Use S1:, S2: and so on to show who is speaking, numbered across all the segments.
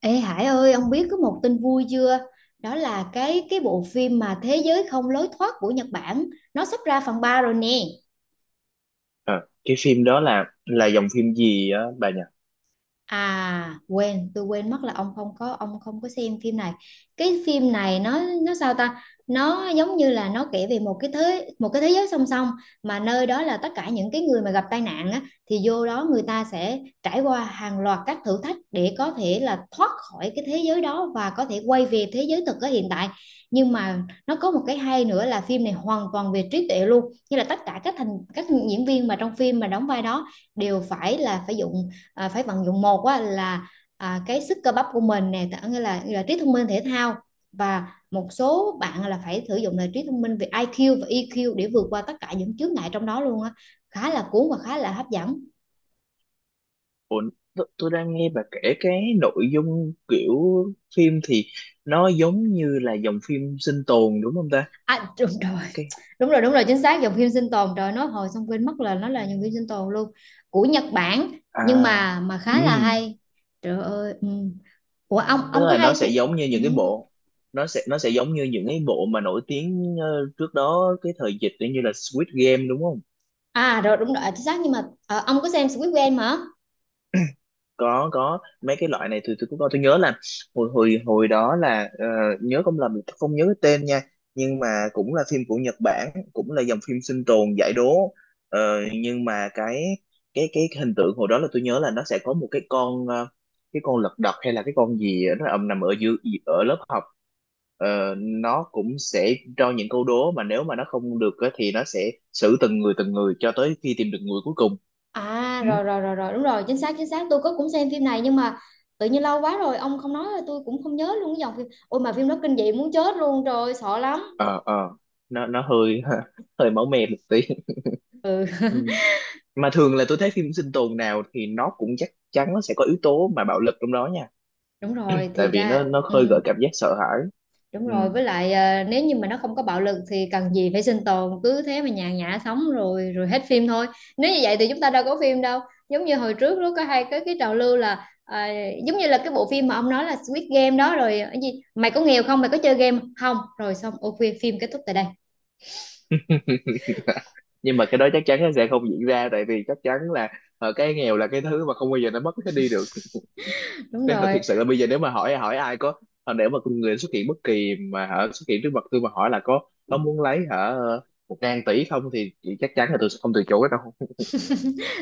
S1: Ê Hải ơi, ông biết có một tin vui chưa? Đó là cái bộ phim mà Thế giới không lối thoát của Nhật Bản, nó sắp ra phần 3 rồi nè.
S2: Ờ, cái phim đó là dòng phim gì á bà nhỉ?
S1: À quên, tôi quên mất là ông không có xem phim này. Cái phim này nó sao ta? Nó giống như là nó kể về một cái thế giới song song mà nơi đó là tất cả những cái người mà gặp tai nạn á thì vô đó người ta sẽ trải qua hàng loạt các thử thách để có thể là thoát khỏi cái thế giới đó và có thể quay về thế giới thực ở hiện tại. Nhưng mà nó có một cái hay nữa là phim này hoàn toàn về trí tuệ luôn. Như là tất cả các thành các diễn viên mà trong phim mà đóng vai đó đều phải dùng phải vận dụng một á, là cái sức cơ bắp của mình nè tức nghĩa là trí thông minh thể thao và một số bạn là phải sử dụng là trí thông minh về IQ và EQ để vượt qua tất cả những chướng ngại trong đó luôn á, khá là cuốn và khá là hấp dẫn.
S2: Ủa, tôi đang nghe bà kể cái nội dung kiểu phim thì nó giống như là dòng phim sinh tồn đúng không ta?
S1: À, đúng rồi,
S2: Cái
S1: đúng rồi, đúng rồi, chính xác dòng phim sinh tồn, trời nói hồi xong quên mất là nó là dòng phim sinh tồn luôn, của Nhật Bản
S2: à
S1: nhưng mà khá là
S2: ừm,
S1: hay, trời ơi ừ. Ủa ông
S2: Tức
S1: ông có
S2: là nó
S1: hay
S2: sẽ
S1: phim
S2: giống như
S1: ừ.
S2: những cái bộ, nó sẽ giống như những cái bộ mà nổi tiếng trước đó cái thời dịch như là Squid Game đúng không?
S1: À rồi đúng rồi, à, chính xác nhưng mà ông có xem Squid Game hả?
S2: Có mấy cái loại này tôi cũng có, tôi nhớ là hồi hồi hồi đó là nhớ không lầm, tôi không nhớ cái tên nha, nhưng mà cũng là phim của Nhật Bản, cũng là dòng phim sinh tồn giải đố. Ờ, nhưng mà cái hình tượng hồi đó là tôi nhớ là nó sẽ có một cái con cái con lật đật hay là cái con gì á, nó ầm nằm ở dưới, ở lớp học. Ờ, nó cũng sẽ cho những câu đố mà nếu mà nó không được á thì nó sẽ xử từng người cho tới khi tìm được người cuối cùng.
S1: À
S2: Ừ,
S1: rồi rồi rồi rồi đúng rồi chính xác tôi có cũng xem phim này nhưng mà tự nhiên lâu quá rồi ông không nói là tôi cũng không nhớ luôn cái dòng phim, ôi mà phim đó kinh dị muốn chết luôn rồi sợ lắm.
S2: ờ ờ, nó hơi hơi máu me một tí.
S1: Ừ
S2: Ừ, mà thường là tôi thấy phim sinh tồn nào thì nó cũng chắc chắn nó sẽ có yếu tố mà bạo lực trong đó nha,
S1: đúng rồi
S2: tại
S1: thì
S2: vì
S1: ra
S2: nó
S1: ừ,
S2: khơi gợi cảm giác sợ hãi.
S1: đúng
S2: Ừ.
S1: rồi với lại nếu như mà nó không có bạo lực thì cần gì phải sinh tồn, cứ thế mà nhàn nhã sống rồi rồi hết phim thôi. Nếu như vậy thì chúng ta đâu có phim đâu, giống như hồi trước lúc có hay cái trào lưu là giống như là cái bộ phim mà ông nói là Squid Game đó rồi ờ, cái gì mày có nghèo không, mày có chơi game không, rồi xong ok phim kết thúc tại đây.
S2: Nhưng mà cái đó chắc chắn nó sẽ không diễn ra, tại vì chắc chắn là cái nghèo là cái thứ mà không bao giờ nó mất cái đi được.
S1: Đúng
S2: Thế thật,
S1: rồi,
S2: thiệt sự là bây giờ nếu mà hỏi hỏi ai có nếu mà con người xuất hiện bất kỳ mà hả, xuất hiện trước mặt tôi mà hỏi là có muốn lấy hả 1.000 tỷ không thì chắc chắn là tôi sẽ không từ chối đâu.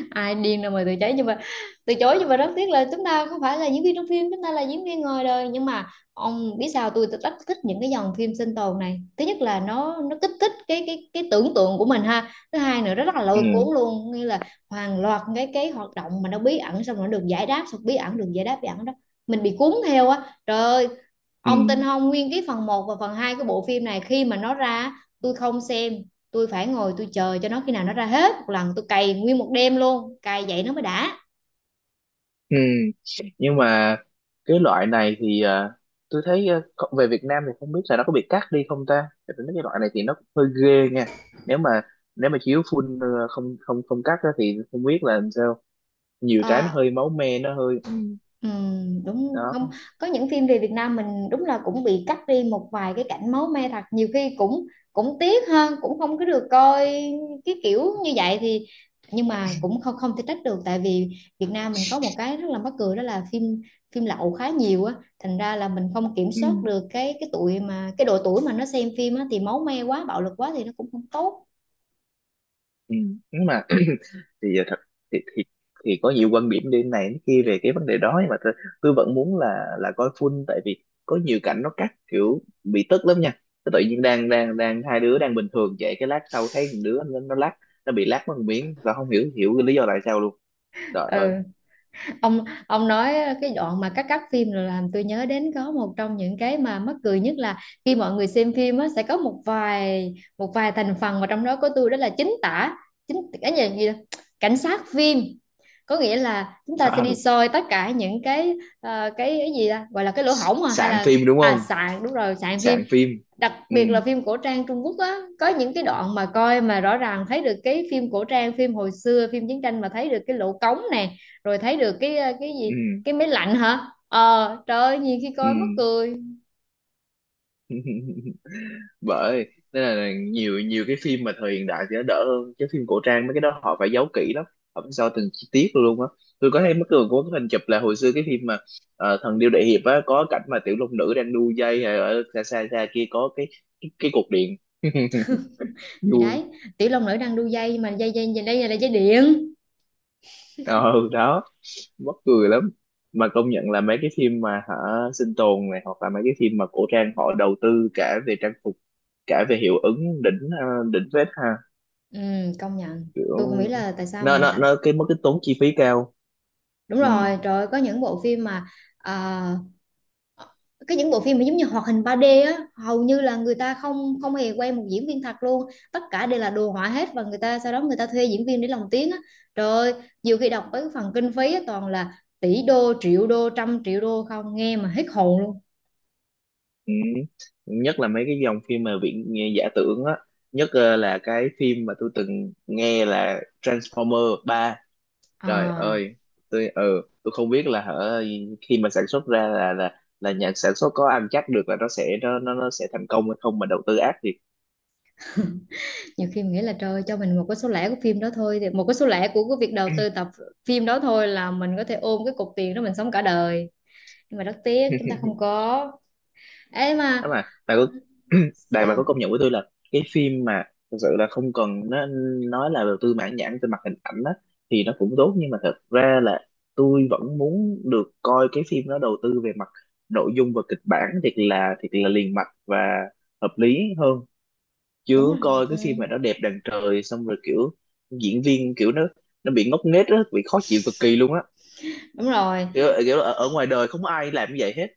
S1: ai điên đâu mà từ chối nhưng mà rất tiếc là chúng ta không phải là diễn viên trong phim, chúng ta là diễn viên ngoài đời. Nhưng mà ông biết sao tôi rất thích những cái dòng phim sinh tồn này, thứ nhất là nó kích thích cái tưởng tượng của mình ha, thứ hai nữa nó rất là lôi
S2: Ừ,
S1: cuốn luôn, nghĩa là hàng loạt cái hoạt động mà nó bí ẩn xong rồi nó được giải đáp, xong bí ẩn được giải đáp bí ẩn đó, mình bị cuốn theo á, trời ơi.
S2: ừ.
S1: Ông tin không, nguyên cái phần một và phần 2 của bộ phim này khi mà nó ra tôi không xem, tôi phải ngồi tôi chờ cho nó khi nào nó ra hết một lần tôi cày nguyên một đêm luôn, cày vậy nó mới đã.
S2: Ừ. Nhưng mà cái loại này thì tôi thấy à, kho- về Việt Nam thì không biết là nó có bị cắt đi không ta? Tại vì mấy cái loại này thì nó cũng hơi ghê nha. Nếu mà nếu mà chiếu full không không không cắt á thì không biết là làm sao. Nhiều cái nó
S1: Ờ,
S2: hơi máu me, nó hơi ừ.
S1: ừ, đúng
S2: Đó.
S1: không, có những phim về Việt Nam mình đúng là cũng bị cắt đi một vài cái cảnh máu me thật, nhiều khi cũng cũng tiếc hơn, cũng không có được coi cái kiểu như vậy thì, nhưng mà cũng không không thể trách được tại vì Việt Nam mình có một cái rất là mắc cười đó là phim phim lậu khá nhiều á, thành ra là mình không kiểm
S2: Ừ.
S1: soát được cái tuổi mà cái độ tuổi mà nó xem phim á, thì máu me quá bạo lực quá thì nó cũng không tốt.
S2: Ừ. Nhưng mà thì giờ thật thì, thì thì có nhiều quan điểm đi này đến kia về cái vấn đề đó, nhưng mà tôi vẫn muốn là coi full, tại vì có nhiều cảnh nó cắt kiểu bị tức lắm nha. Tôi tự nhiên đang đang đang hai đứa đang bình thường vậy cái lát sau thấy một đứa nó lắc, nó bị lắc mất một miếng và không hiểu hiểu cái lý do tại sao luôn, trời
S1: Ừ,
S2: ơi.
S1: ông nói cái đoạn mà cắt cắt phim rồi làm tôi nhớ đến có một trong những cái mà mắc cười nhất là khi mọi người xem phim á sẽ có một vài thành phần mà trong đó có tôi đó là chính tả, chính cái gì, gì đó? Cảnh sát phim, có nghĩa là chúng ta sẽ
S2: À,
S1: đi soi tất cả những cái cái gì ta gọi là cái lỗ hổng à hay
S2: sạn
S1: là
S2: phim đúng
S1: à
S2: không,
S1: sạn, đúng rồi sạn phim,
S2: sạn phim.
S1: đặc
S2: Ừ
S1: biệt là phim cổ trang Trung Quốc á, có những cái đoạn mà coi mà rõ ràng thấy được cái phim cổ trang, phim hồi xưa phim chiến tranh mà thấy được cái lỗ cống nè, rồi thấy được cái cái gì,
S2: ừ
S1: cái máy lạnh hả, ờ trời ơi nhiều khi
S2: ừ.
S1: coi mắc cười.
S2: Bởi nên là nhiều nhiều cái phim mà thời hiện đại thì nó đỡ hơn, cái phim cổ trang mấy cái đó họ phải giấu kỹ lắm, họ phải sao từng chi tiết luôn á. Tôi có thấy mấy cường có cái hình chụp là hồi xưa cái phim mà thần điêu đại hiệp á, có cảnh mà tiểu long nữ đang đu dây hay ở xa xa xa kia có cái cái cục điện.
S1: Thì
S2: Vui.
S1: đấy, tiểu long nữ đang đu dây mà dây dây dây đây là dây điện.
S2: Ờ đó, mắc cười lắm. Mà công nhận là mấy cái phim mà hả sinh tồn này hoặc là mấy cái phim mà cổ trang họ đầu tư cả về trang phục, cả về hiệu ứng đỉnh, đỉnh phết ha.
S1: Ừ, công nhận tôi không
S2: Kiểu
S1: biết là tại sao mà
S2: nó
S1: người
S2: nó
S1: ta
S2: nó cái mất cái tốn chi phí cao.
S1: đúng
S2: Ừ,
S1: rồi trời ơi, có những bộ phim mà ờ, cái những bộ phim mà giống như hoạt hình 3D á, hầu như là người ta không không hề quay một diễn viên thật luôn, tất cả đều là đồ họa hết, và người ta sau đó người ta thuê diễn viên để lồng tiếng á, trời ơi nhiều khi đọc tới cái phần kinh phí á, toàn là tỷ đô triệu đô trăm triệu đô không, nghe mà hết hồn luôn.
S2: ừ. Nhất là mấy cái dòng phim mà viễn giả tưởng á, nhất là cái phim mà tôi từng nghe là Transformer 3. Trời
S1: À,
S2: ơi, tôi tôi không biết là hở, khi mà sản xuất ra là nhà sản xuất có ăn chắc được là nó sẽ thành công hay không mà đầu tư ác thiệt.
S1: nhiều khi mình nghĩ là trời ơi, cho mình một cái số lẻ của phim đó thôi, thì một cái số lẻ của cái việc đầu tư tập phim đó thôi là mình có thể ôm cái cục tiền đó mình sống cả đời, nhưng mà rất tiếc chúng ta không có ấy
S2: Đó,
S1: mà.
S2: mà bà có đại, bà có
S1: Sao,
S2: công nhận với tôi là cái phim mà thực sự là không cần nó nói là đầu tư mãn nhãn về mặt hình ảnh á thì nó cũng tốt, nhưng mà thật ra là tôi vẫn muốn được coi cái phim nó đầu tư về mặt nội dung và kịch bản thiệt là, thiệt là liền mạch và hợp lý hơn.
S1: đúng
S2: Chứ
S1: rồi,
S2: coi
S1: ừ.
S2: cái phim mà nó đẹp đàn trời xong rồi kiểu diễn viên kiểu nó bị ngốc nghếch á, bị khó chịu cực kỳ luôn á,
S1: Đúng rồi.
S2: kiểu, kiểu ở, ở ngoài đời không có ai làm như vậy hết.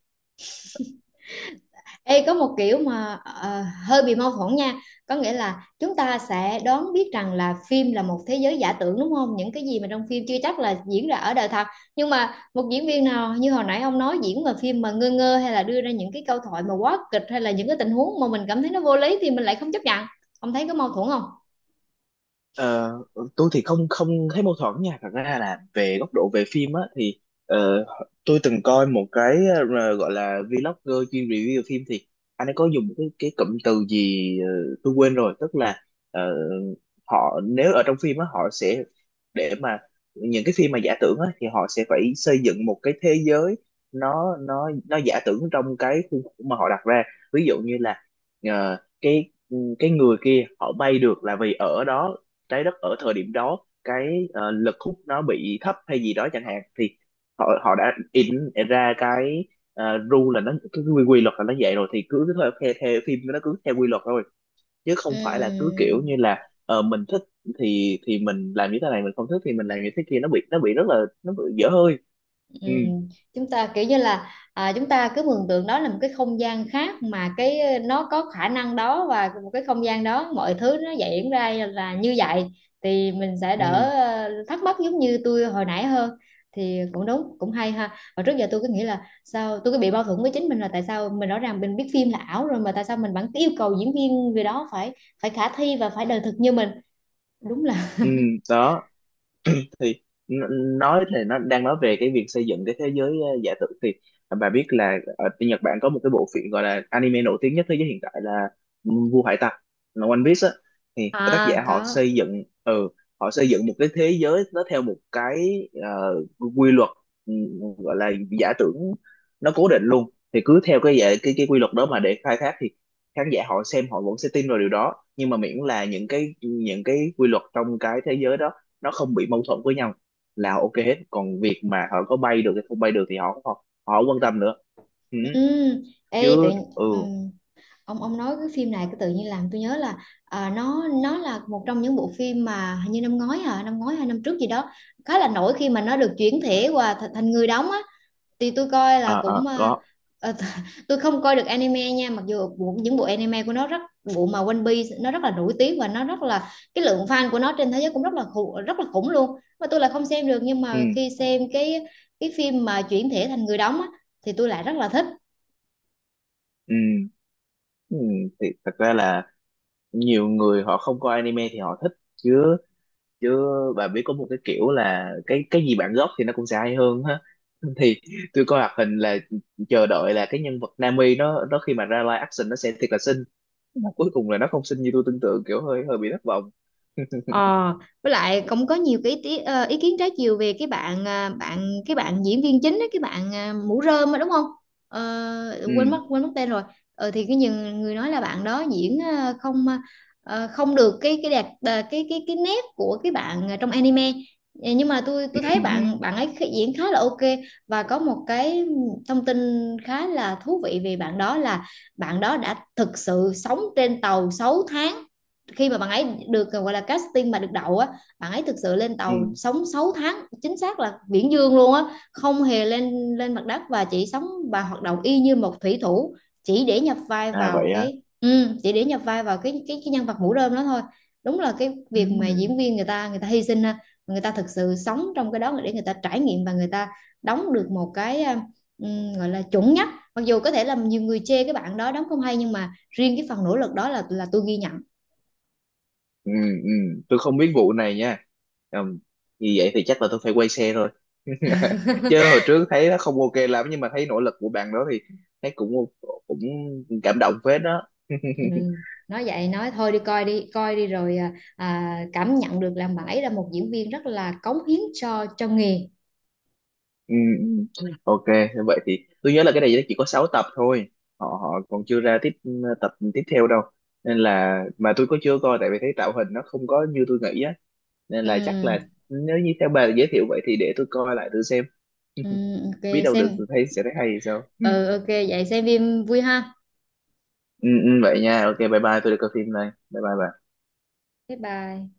S1: Ê, có một kiểu mà hơi bị mâu thuẫn nha, có nghĩa là chúng ta sẽ đoán biết rằng là phim là một thế giới giả tưởng đúng không, những cái gì mà trong phim chưa chắc là diễn ra ở đời thật, nhưng mà một diễn viên nào như hồi nãy ông nói diễn mà phim mà ngơ ngơ hay là đưa ra những cái câu thoại mà quá kịch hay là những cái tình huống mà mình cảm thấy nó vô lý thì mình lại không chấp nhận, ông thấy có mâu thuẫn không?
S2: Ờ, tôi thì không không thấy mâu thuẫn nha, thật ra là về góc độ về phim á thì ờ, tôi từng coi một cái gọi là vlogger chuyên review phim thì anh ấy có dùng cái cụm từ gì tôi quên rồi. Tức là ờ, họ nếu ở trong phim á họ sẽ để mà những cái phim mà giả tưởng á thì họ sẽ phải xây dựng một cái thế giới nó nó giả tưởng trong cái khuôn khổ mà họ đặt ra. Ví dụ như là cái người kia họ bay được là vì ở đó trái đất ở thời điểm đó cái lực hút nó bị thấp hay gì đó chẳng hạn. Thì họ họ đã in ra cái rule, là nó cái quy luật là nó vậy rồi, thì cứ theo, theo phim nó cứ theo quy luật thôi, chứ không phải là cứ kiểu như
S1: Ừm.
S2: là mình thích thì mình làm như thế này, mình không thích thì mình làm như thế kia. Nó bị nó bị rất là nó bị dở hơi.
S1: Ừ.
S2: Ừ
S1: Chúng ta kiểu như là à, chúng ta cứ mường tượng đó là một cái không gian khác mà cái nó có khả năng đó, và một cái không gian đó mọi thứ nó diễn ra là như vậy, thì mình sẽ
S2: ừ
S1: đỡ thắc mắc giống như tôi hồi nãy hơn. Thì cũng đúng cũng hay ha, và trước giờ tôi cứ nghĩ là sao tôi cứ bị mâu thuẫn với chính mình, là tại sao mình rõ ràng mình biết phim là ảo rồi mà tại sao mình vẫn cứ yêu cầu diễn viên người đó phải phải khả thi và phải đời thực như mình, đúng là
S2: ừ. Đó thì n- nói thì nó đang nói về cái việc xây dựng cái thế giới giả tưởng thì bà biết là ở bên Nhật Bản có một cái bộ phim gọi là anime nổi tiếng nhất thế giới hiện tại là Vua Hải Tặc, là One Piece á. Thì tác
S1: à
S2: giả họ
S1: có
S2: xây dựng ừ, họ xây dựng một cái thế giới nó theo một cái ờ, quy luật, ừ, gọi là giả tưởng, nó cố định luôn. Thì cứ theo cái cái quy luật đó mà để khai thác thì khán giả họ xem họ vẫn sẽ tin vào điều đó, nhưng mà miễn là những cái quy luật trong cái thế giới đó nó không bị mâu thuẫn với nhau là ok hết. Còn việc mà họ có bay được hay không bay được thì họ họ, họ không quan tâm nữa. Ừ,
S1: ừ. Ê, tự...
S2: chứ
S1: ừ.
S2: ừ.
S1: Ông nói cái phim này cái tự nhiên làm tôi nhớ là à, nó là một trong những bộ phim mà hình như năm ngoái hả, năm ngoái hay năm trước gì đó, khá là nổi khi mà nó được chuyển thể qua th thành người đóng á, thì tôi coi là
S2: À,
S1: cũng
S2: à,
S1: à,
S2: có.
S1: à, tôi không coi được anime nha, mặc dù bộ, những bộ anime của nó rất, bộ mà One Piece nó rất là nổi tiếng và nó rất là cái lượng fan của nó trên thế giới cũng rất là khủng luôn, mà tôi là không xem được, nhưng
S2: Ừ,
S1: mà khi xem cái phim mà chuyển thể thành người đóng á thì tôi lại rất là thích.
S2: ừ, ừ, thì thật ra là nhiều người họ không coi anime thì họ thích chứ, chứ bà biết có một cái kiểu là cái gì bản gốc thì nó cũng sẽ hay hơn ha. Thì tôi coi hoạt hình là chờ đợi là cái nhân vật Nami nó khi mà ra live action nó sẽ thiệt là xinh, mà cuối cùng là nó không xinh như tôi tưởng tượng, kiểu hơi hơi bị thất vọng.
S1: Ờ, với lại cũng có nhiều cái ý, ý kiến trái chiều về cái bạn à, cái bạn diễn viên chính ấy, cái bạn à, mũ rơm á đúng không? Ờ,
S2: Ừ
S1: quên mất tên rồi. Ờ, thì cái nhiều người nói là bạn đó diễn à, không được cái đẹp à, cái nét của cái bạn à, trong anime. Ờ, nhưng mà tôi
S2: ừ
S1: tôi thấy
S2: ừ
S1: bạn bạn ấy khi- diễn khá là ok, và có một cái thông tin khá là thú vị về bạn đó là bạn đó đã thực sự sống trên tàu 6 tháng, khi mà bạn ấy được gọi là casting mà được đậu á, bạn ấy thực sự lên
S2: ừ.
S1: tàu sống 6 tháng, chính xác là viễn dương luôn á, không hề lên lên mặt đất, và chỉ sống và hoạt động y như một thủy thủ, chỉ để nhập vai
S2: À
S1: vào
S2: vậy á.
S1: cái ừ, chỉ để nhập vai vào cái nhân vật mũ rơm đó thôi. Đúng là cái
S2: Ừ.
S1: việc mà diễn viên người ta hy sinh ha, người ta thực sự sống trong cái đó để người ta trải nghiệm và người ta đóng được một cái gọi là chuẩn nhất, mặc dù có thể là nhiều người chê cái bạn đó đóng không hay, nhưng mà riêng cái phần nỗ lực đó là tôi ghi nhận.
S2: Ừ ừ, tôi không biết vụ này nha. Ừm, như vậy thì chắc là tôi phải quay xe rồi. Chứ hồi trước thấy nó không ok lắm, nhưng mà thấy nỗ lực của bạn đó thì thấy cũng cũng cảm động phết đó.
S1: Ừ. Nói vậy nói thôi, đi coi đi coi đi rồi à, à, cảm nhận được là bạn ấy là một diễn viên rất là cống hiến cho nghề.
S2: Ừ, ừ. Ok, vậy thì tôi nhớ là cái này chỉ có 6 tập thôi, họ họ còn chưa ra tiếp ừ, tập tiếp theo đâu, nên là mà tôi có chưa coi tại vì thấy tạo hình nó không có như tôi nghĩ á. Nên
S1: Ừ,
S2: là chắc là nếu như theo bà giới thiệu vậy thì để tôi coi lại tôi xem.
S1: ừ, ok
S2: Biết đâu được
S1: xem,
S2: tôi thấy sẽ thấy hay thì sao. Ừ,
S1: ừ, ok vậy xem phim vui ha,
S2: ừ, vậy nha, ok bye bye, tôi đi coi phim đây, bye bye bà.
S1: bye bye.